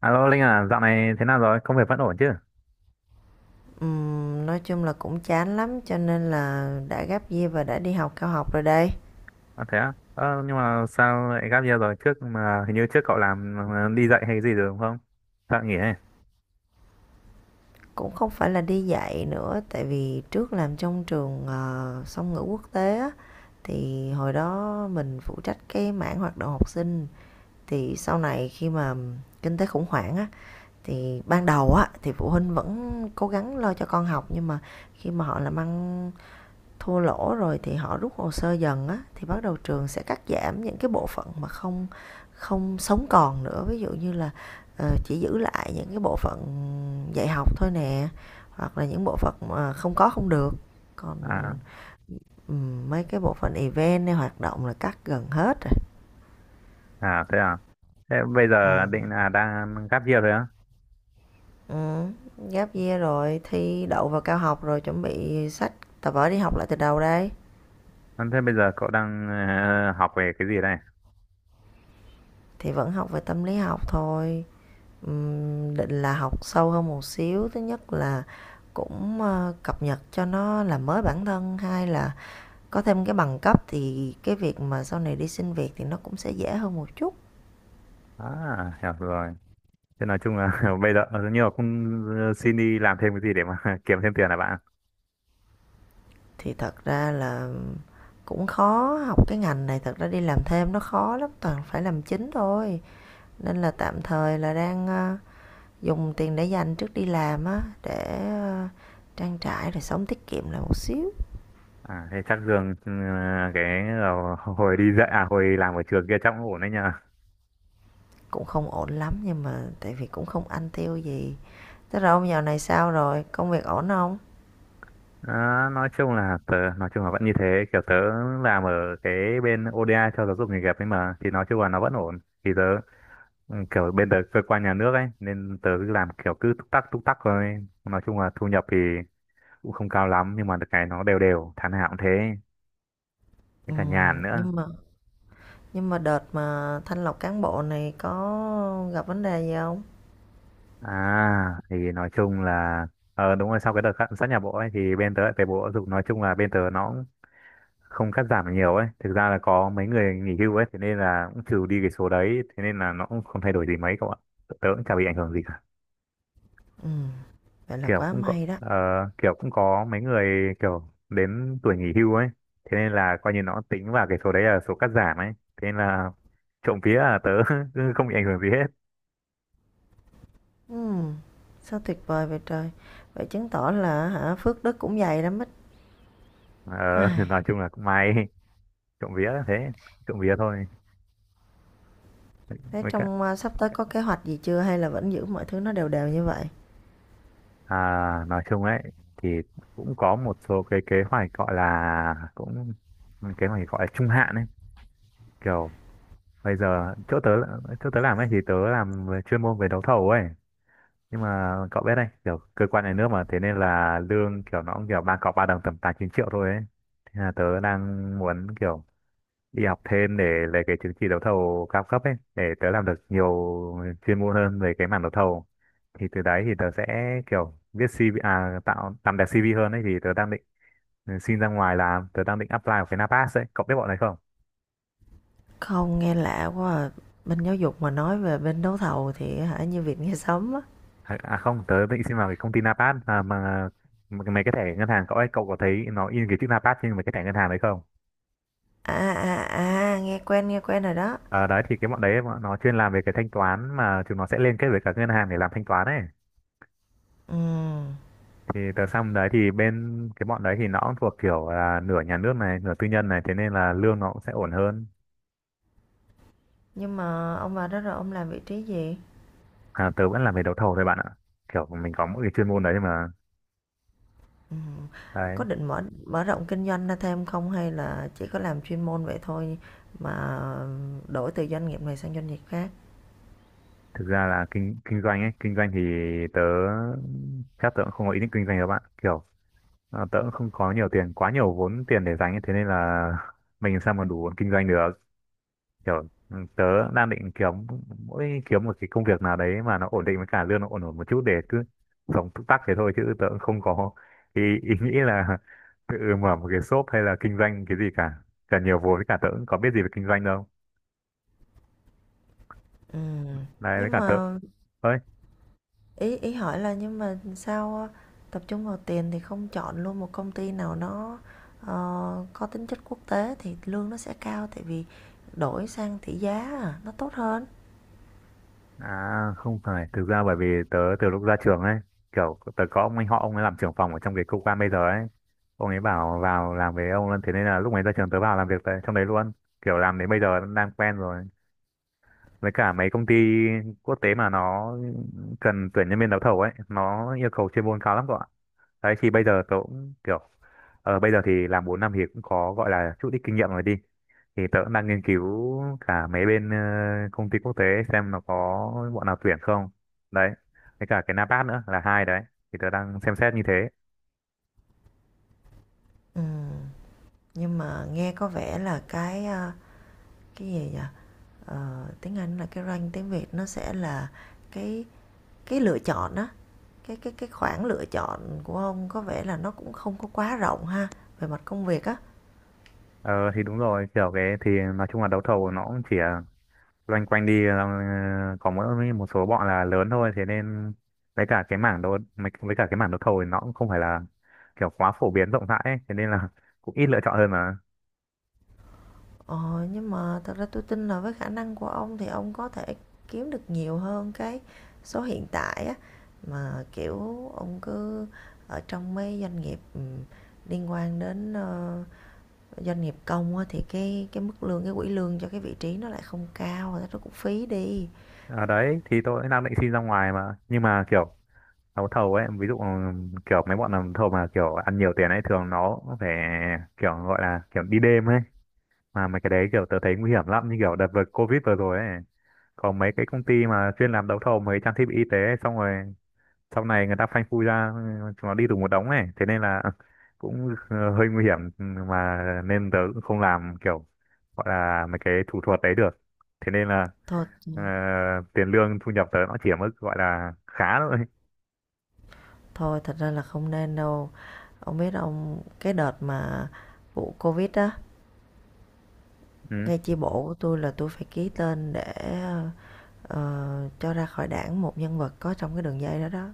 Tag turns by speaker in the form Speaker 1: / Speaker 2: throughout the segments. Speaker 1: Alo Linh à, dạo này thế nào rồi? Công việc vẫn ổn chứ?
Speaker 2: Nói chung là cũng chán lắm cho nên là đã gap year và đã đi học cao học rồi đây.
Speaker 1: À, thế á? Ờ, nhưng mà sao lại gap year rồi? Trước mà hình như trước cậu làm đi dạy hay gì rồi đúng không? Sao lại nghỉ ấy?
Speaker 2: Cũng không phải là đi dạy nữa tại vì trước làm trong trường song ngữ quốc tế á thì hồi đó mình phụ trách cái mảng hoạt động học sinh thì sau này khi mà kinh tế khủng hoảng á thì ban đầu á thì phụ huynh vẫn cố gắng lo cho con học nhưng mà khi mà họ làm ăn thua lỗ rồi thì họ rút hồ sơ dần á thì bắt đầu trường sẽ cắt giảm những cái bộ phận mà không không sống còn nữa, ví dụ như là chỉ giữ lại những cái bộ phận dạy học thôi nè, hoặc là những bộ phận mà không có không được, còn
Speaker 1: À,
Speaker 2: mấy cái bộ phận event hay hoạt động là cắt gần hết rồi.
Speaker 1: à, thế à? Thế bây
Speaker 2: Ừ.
Speaker 1: giờ định là đang gap year rồi á?
Speaker 2: Ừ. Gap year rồi thi đậu vào cao học rồi chuẩn bị sách tập vở đi học lại từ đầu đây,
Speaker 1: À, thế bây giờ cậu đang học về cái gì đây?
Speaker 2: thì vẫn học về tâm lý học thôi, định là học sâu hơn một xíu. Thứ nhất là cũng, cập nhật cho nó làm mới bản thân; hai là có thêm cái bằng cấp thì cái việc mà sau này đi xin việc thì nó cũng sẽ dễ hơn một chút.
Speaker 1: À, hiểu rồi. Thế nói chung là bây giờ nhưng mà cũng xin đi làm thêm cái gì để mà kiếm thêm tiền là bạn.
Speaker 2: Thì thật ra là cũng khó, học cái ngành này thật ra đi làm thêm nó khó lắm, toàn phải làm chính thôi. Nên là tạm thời là đang, ờ, dùng tiền để dành trước đi làm á, để, ờ, trang trải rồi sống tiết kiệm lại một xíu.
Speaker 1: À, thế chắc lương cái hồi đi dạy à hồi làm ở trường kia chắc cũng ổn đấy nhờ.
Speaker 2: Cũng không ổn lắm nhưng mà tại vì cũng không ăn tiêu gì. Thế rồi ông dạo này sao rồi? Công việc ổn không?
Speaker 1: Đó, nói chung là tớ nói chung là vẫn như thế, kiểu tớ làm ở cái bên ODA cho giáo dục nghề nghiệp ấy mà thì nói chung là nó vẫn ổn. Thì tớ kiểu bên tớ cơ quan nhà nước ấy nên tớ cứ làm kiểu cứ túc tắc thôi, nói chung là thu nhập thì cũng không cao lắm nhưng mà được cái nó đều đều tháng nào cũng thế, với
Speaker 2: Ừ,
Speaker 1: cả nhàn nữa.
Speaker 2: nhưng mà nhưng mà đợt mà thanh lọc cán bộ này có gặp vấn đề gì không?
Speaker 1: À thì nói chung là đúng rồi, sau cái đợt sát nhập bộ ấy thì bên tớ lại về bộ giáo dục, nói chung là bên tớ nó không cắt giảm được nhiều ấy, thực ra là có mấy người nghỉ hưu ấy, thế nên là cũng trừ đi cái số đấy, thế nên là nó cũng không thay đổi gì mấy cậu ạ. Tớ cũng chả bị ảnh hưởng gì cả,
Speaker 2: Ừ, vậy là
Speaker 1: kiểu
Speaker 2: quá
Speaker 1: cũng có
Speaker 2: may đó.
Speaker 1: ờ, kiểu cũng có mấy người kiểu đến tuổi nghỉ hưu ấy, thế nên là coi như nó tính vào cái số đấy là số cắt giảm ấy, thế nên là trộm vía là tớ không bị ảnh hưởng gì hết.
Speaker 2: Ừ, sao tuyệt vời vậy trời. Vậy chứng tỏ là hả, phước đức cũng dày lắm ít.
Speaker 1: Ờ,
Speaker 2: Ai,
Speaker 1: nói chung là cũng may, trộm vía là thế, trộm vía thôi.
Speaker 2: thế
Speaker 1: Với cả,
Speaker 2: trong à, sắp tới có kế hoạch gì chưa hay là vẫn giữ mọi thứ nó đều đều như vậy?
Speaker 1: À, nói chung ấy thì cũng có một số cái kế hoạch gọi là cũng kế hoạch gọi là trung hạn ấy, kiểu bây giờ chỗ tớ làm ấy thì tớ làm về chuyên môn về đấu thầu ấy, nhưng mà cậu biết đấy kiểu cơ quan nhà nước mà, thế nên là lương kiểu nó cũng kiểu ba cọc ba đồng tầm 8-9 triệu thôi ấy. Thế là tớ đang muốn kiểu đi học thêm để lấy cái chứng chỉ đấu thầu cao cấp ấy để tớ làm được nhiều chuyên môn hơn về cái mảng đấu thầu, thì từ đấy thì tớ sẽ kiểu viết CV, à, tạo làm đẹp CV hơn ấy thì tớ đang định xin ra ngoài làm, tớ đang định apply vào cái Napas ấy, cậu biết bọn này không?
Speaker 2: Không, nghe lạ quá à. Bên giáo dục mà nói về bên đấu thầu thì hả, như việc nghe sớm á.
Speaker 1: À, à, không, tớ định xin vào cái công ty Napas à, mà mấy cái thẻ ngân hàng cậu ấy, cậu có thấy nó in cái chữ Napas trên mấy cái thẻ ngân hàng đấy không?
Speaker 2: À à à, nghe quen rồi đó.
Speaker 1: Ờ đấy thì cái bọn đấy bọn nó chuyên làm về cái thanh toán mà chúng nó sẽ liên kết với cả ngân hàng để làm thanh toán ấy,
Speaker 2: Ừ.
Speaker 1: thì tờ xong đấy thì bên cái bọn đấy thì nó cũng thuộc kiểu là nửa nhà nước này nửa tư nhân này, thế nên là lương nó cũng sẽ ổn hơn.
Speaker 2: Nhưng mà ông vào đó rồi ông làm vị trí gì?
Speaker 1: À, tớ vẫn làm về đấu thầu thôi bạn ạ, kiểu mình có mỗi cái chuyên môn đấy mà.
Speaker 2: Ừm. Có
Speaker 1: Đấy,
Speaker 2: định mở mở rộng kinh doanh ra thêm không, hay là chỉ có làm chuyên môn vậy thôi mà đổi từ doanh nghiệp này sang doanh nghiệp khác?
Speaker 1: thực ra là kinh kinh doanh ấy, kinh doanh thì tớ chắc tớ cũng không có ý định kinh doanh đâu bạn, kiểu à, tớ cũng không có nhiều tiền, quá nhiều vốn tiền để dành ấy, thế nên là mình làm sao mà đủ kinh doanh được, kiểu tớ đang định kiếm mỗi kiếm một cái công việc nào đấy mà nó ổn định với cả lương nó ổn ổn một chút, để cứ sống túc tắc thế thôi, chứ tớ cũng không có ý nghĩ là tự mở một cái shop hay là kinh doanh cái gì cả, cả nhiều vốn với cả tớ cũng có biết gì về kinh doanh đâu.
Speaker 2: Ừm.
Speaker 1: Đấy với
Speaker 2: Nhưng
Speaker 1: cả tớ
Speaker 2: mà
Speaker 1: ơi,
Speaker 2: ý ý hỏi là, nhưng mà sao tập trung vào tiền thì không chọn luôn một công ty nào nó ờ, có tính chất quốc tế thì lương nó sẽ cao, tại vì đổi sang tỷ giá à, nó tốt hơn.
Speaker 1: à không phải, thực ra bởi vì tớ từ lúc ra trường ấy, kiểu tớ có ông anh họ, ông ấy làm trưởng phòng ở trong cái cơ quan bây giờ ấy, ông ấy bảo vào làm với ông luôn, thế nên là lúc ấy ra trường tớ vào làm việc tại trong đấy luôn, kiểu làm đến bây giờ đang quen rồi. Với cả mấy công ty quốc tế mà nó cần tuyển nhân viên đấu thầu ấy nó yêu cầu chuyên môn cao lắm các bạn. Đấy thì bây giờ tớ cũng kiểu bây giờ thì làm 4 năm thì cũng có gọi là chút ít kinh nghiệm rồi đi, thì tớ cũng đang nghiên cứu cả mấy bên công ty quốc tế xem nó có bọn nào tuyển không, đấy với cả cái NAPAT nữa là hai đấy, thì tớ đang xem xét như thế.
Speaker 2: Ừm. Nhưng mà nghe có vẻ là cái cái gì vậy, tiếng Anh là cái range, tiếng Việt nó sẽ là cái cái lựa chọn á, cái cái khoảng lựa chọn của ông có vẻ là nó cũng không có quá rộng ha, về mặt công việc á.
Speaker 1: Ờ thì đúng rồi, kiểu cái thì nói chung là đấu thầu nó cũng chỉ loanh quanh đi có mỗi một số bọn là lớn thôi, thế nên với cả cái với cả cái mảng đấu thầu thì nó cũng không phải là kiểu quá phổ biến rộng rãi ấy. Thế nên là cũng ít lựa chọn hơn mà.
Speaker 2: Ờ, nhưng mà thật ra tôi tin là với khả năng của ông thì ông có thể kiếm được nhiều hơn cái số hiện tại á, mà kiểu ông cứ ở trong mấy doanh nghiệp liên quan đến doanh nghiệp công á, thì cái mức lương, cái quỹ lương cho cái vị trí nó lại không cao rồi, nó cũng phí đi
Speaker 1: Ở đấy thì tôi đang định xin ra ngoài mà, nhưng mà kiểu đấu thầu ấy, ví dụ kiểu mấy bọn làm thầu mà kiểu ăn nhiều tiền ấy thường nó phải kiểu gọi là kiểu đi đêm ấy, mà mấy cái đấy kiểu tớ thấy nguy hiểm lắm, như kiểu đợt vừa Covid vừa rồi ấy, còn mấy cái công ty mà chuyên làm đấu thầu mấy trang thiết bị y tế ấy, xong rồi sau này người ta phanh phui ra chúng nó đi tù một đống này, thế nên là cũng hơi nguy hiểm mà nên tớ cũng không làm kiểu gọi là mấy cái thủ thuật đấy được, thế nên là
Speaker 2: thôi.
Speaker 1: ờ,
Speaker 2: Ờ,
Speaker 1: tiền lương thu nhập tớ nó chỉ ở mức gọi là khá thôi.
Speaker 2: Thôi thật ra là không nên đâu. Ông biết ông cái đợt mà vụ Covid á,
Speaker 1: Ừ.
Speaker 2: ngay chi bộ của tôi là tôi phải ký tên để ờ, cho ra khỏi đảng một nhân vật có trong cái đường dây đó đó.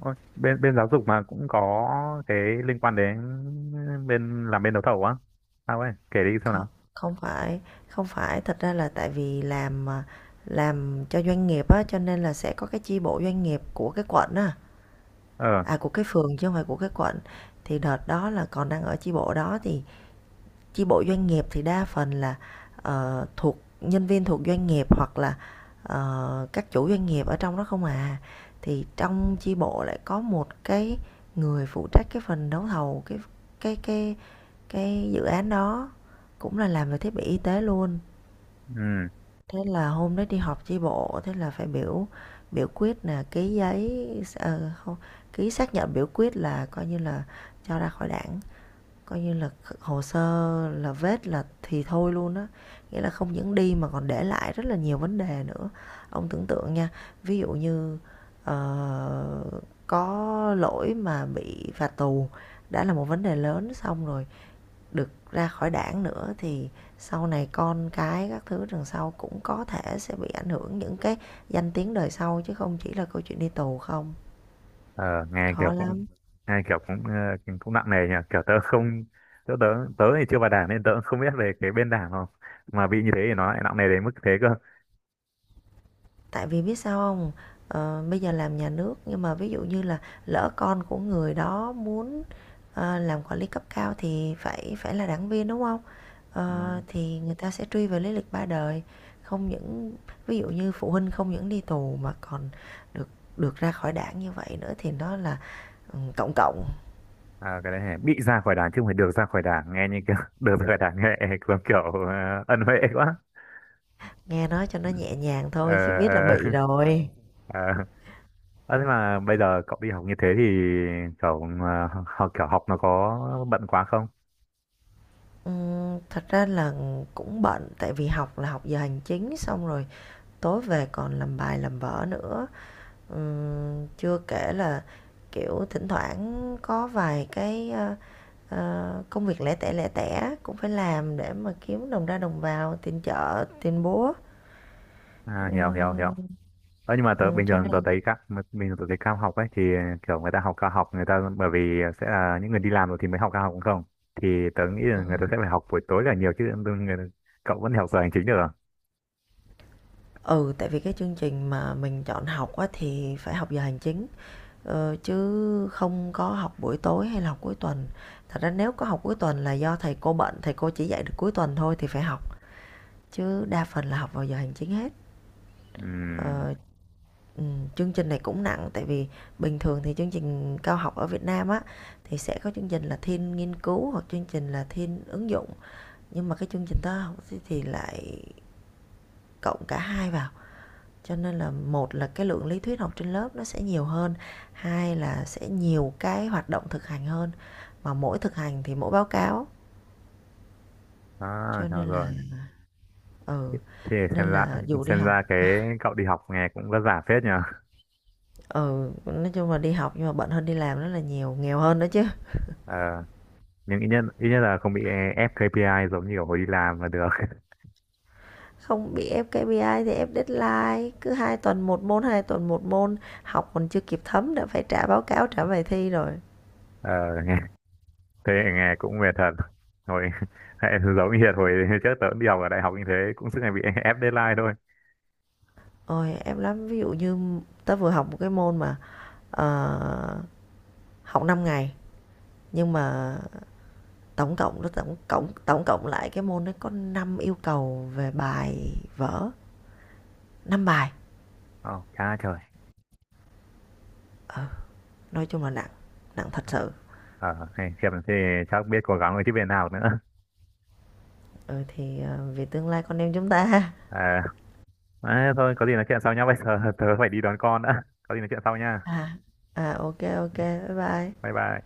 Speaker 1: Ôi, bên bên giáo dục mà cũng có cái liên quan đến bên làm bên đấu thầu á? Sao ấy, kể đi xem
Speaker 2: Không,
Speaker 1: nào.
Speaker 2: không phải, không phải, thật ra là tại vì làm cho doanh nghiệp á, cho nên là sẽ có cái chi bộ doanh nghiệp của cái quận á,
Speaker 1: Ờ.
Speaker 2: à, của cái phường chứ không phải của cái quận. Thì đợt đó là còn đang ở chi bộ đó thì chi bộ doanh nghiệp thì đa phần là thuộc nhân viên thuộc doanh nghiệp, hoặc là các chủ doanh nghiệp ở trong đó không à, thì trong chi bộ lại có một cái người phụ trách cái phần đấu thầu, cái cái cái cái dự án đó cũng là làm về thiết bị y tế luôn.
Speaker 1: Ừ.
Speaker 2: Thế là hôm đó đi họp chi bộ, thế là phải biểu biểu quyết là ký giấy, không, ký xác nhận biểu quyết là coi như là cho ra khỏi đảng. Coi như là hồ sơ là vết, là thì thôi luôn á, nghĩa là không những đi mà còn để lại rất là nhiều vấn đề nữa. Ông tưởng tượng nha, ví dụ như, ờ, có lỗi mà bị phạt tù đã là một vấn đề lớn, xong rồi được ra khỏi đảng nữa thì sau này con cái các thứ đằng sau cũng có thể sẽ bị ảnh hưởng, những cái danh tiếng đời sau chứ không chỉ là câu chuyện đi tù không.
Speaker 1: Ờ, nghe kiểu
Speaker 2: Khó
Speaker 1: cũng
Speaker 2: lắm.
Speaker 1: nghe kiểu cũng cũng nặng nề nhỉ, kiểu tớ không, tớ tớ tớ thì chưa vào đảng nên tớ cũng không biết về cái bên đảng, không mà bị như thế thì nó lại nặng nề đến mức thế cơ.
Speaker 2: Tại vì biết sao không, bây giờ làm nhà nước nhưng mà ví dụ như là lỡ con của người đó muốn làm quản lý cấp cao thì phải phải là đảng viên đúng không.
Speaker 1: Ừ.
Speaker 2: Ờ, thì người ta sẽ truy về lý lịch ba đời, không những ví dụ như phụ huynh không những đi tù mà còn được được ra khỏi đảng như vậy nữa thì nó là cộng cộng,
Speaker 1: À, cái đấy hả? Bị ra khỏi đảng chứ không phải được ra khỏi đảng, nghe như kiểu được ra khỏi đảng nghe giống kiểu ân huệ quá.
Speaker 2: nghe nói cho nó nhẹ nhàng
Speaker 1: Ờ.
Speaker 2: thôi chứ biết là
Speaker 1: Ờ.
Speaker 2: bị rồi.
Speaker 1: Ờ. Ờ, thế mà bây giờ cậu đi học như thế thì cậu học kiểu học nó có bận quá không?
Speaker 2: Thật ra là cũng bận tại vì học là học giờ hành chính, xong rồi tối về còn làm bài làm vở nữa. Chưa kể là kiểu thỉnh thoảng có vài cái công việc lẻ tẻ cũng phải làm để mà kiếm đồng ra đồng vào tiền chợ tiền búa.
Speaker 1: À, hiểu hiểu hiểu.
Speaker 2: Ừm,
Speaker 1: Ờ, nhưng mà tớ bình
Speaker 2: cho
Speaker 1: thường tớ
Speaker 2: nên
Speaker 1: thấy các bình thường tớ thấy cao học ấy thì kiểu người ta học cao học, người ta bởi vì sẽ là những người đi làm rồi thì mới học cao học đúng không, thì tớ nghĩ là người ta sẽ phải học buổi tối là nhiều chứ người, cậu vẫn học giờ hành chính được à?
Speaker 2: ừ tại vì cái chương trình mà mình chọn học á, thì phải học giờ hành chính, chứ không có học buổi tối hay là học cuối tuần. Thật ra nếu có học cuối tuần là do thầy cô bận, thầy cô chỉ dạy được cuối tuần thôi thì phải học, chứ đa phần là học vào giờ hành chính hết.
Speaker 1: Ừm,
Speaker 2: Ờ, chương trình này cũng nặng, tại vì bình thường thì chương trình cao học ở Việt Nam á thì sẽ có chương trình là thiên nghiên cứu hoặc chương trình là thiên ứng dụng, nhưng mà cái chương trình toán học thì lại cộng cả hai vào. Cho nên là, một là cái lượng lý thuyết học trên lớp nó sẽ nhiều hơn, hai là sẽ nhiều cái hoạt động thực hành hơn, mà mỗi thực hành thì mỗi báo cáo,
Speaker 1: à,
Speaker 2: cho
Speaker 1: hiểu
Speaker 2: nên là
Speaker 1: rồi.
Speaker 2: ừ,
Speaker 1: Thì xem
Speaker 2: nên
Speaker 1: ra
Speaker 2: là dù đi
Speaker 1: xem
Speaker 2: học.
Speaker 1: ra cái cậu đi học nghe cũng vất vả phết nhờ.
Speaker 2: Ừ, nói chung là đi học nhưng mà bận hơn đi làm rất là nhiều, nghèo hơn nữa chứ.
Speaker 1: Ờ, nhưng ít nhất là không bị ép KPI giống như kiểu hồi đi làm là được.
Speaker 2: Không bị ép KPI thì ép deadline, cứ 2 tuần một môn, 2 tuần một môn, học còn chưa kịp thấm đã phải trả báo cáo, trả bài thi rồi.
Speaker 1: Ờ, nghe thế nghe cũng mệt thật. Hồi giống như hồi trước tớ cũng đi học ở đại học như thế cũng suốt ngày bị ép deadline thôi.
Speaker 2: Ôi em lắm, ví dụ như tớ vừa học một cái môn mà ờ, học 5 ngày, nhưng mà tổng cộng nó tổng cộng lại cái môn nó có 5 yêu cầu về bài vở, 5 bài.
Speaker 1: Ồ, cha trời.
Speaker 2: Ờ, nói chung là nặng, nặng thật sự.
Speaker 1: Ờ, hey, Hiệp thì chắc biết cố gắng với tiếp viên nào nữa.
Speaker 2: Ừ thì vì tương lai con em chúng ta.
Speaker 1: À, à, thôi, có gì nói chuyện sau nhá. Bây giờ tớ phải đi đón con đã. Có gì nói chuyện sau nha.
Speaker 2: À à, ok ok, bye bye.
Speaker 1: Bye bye.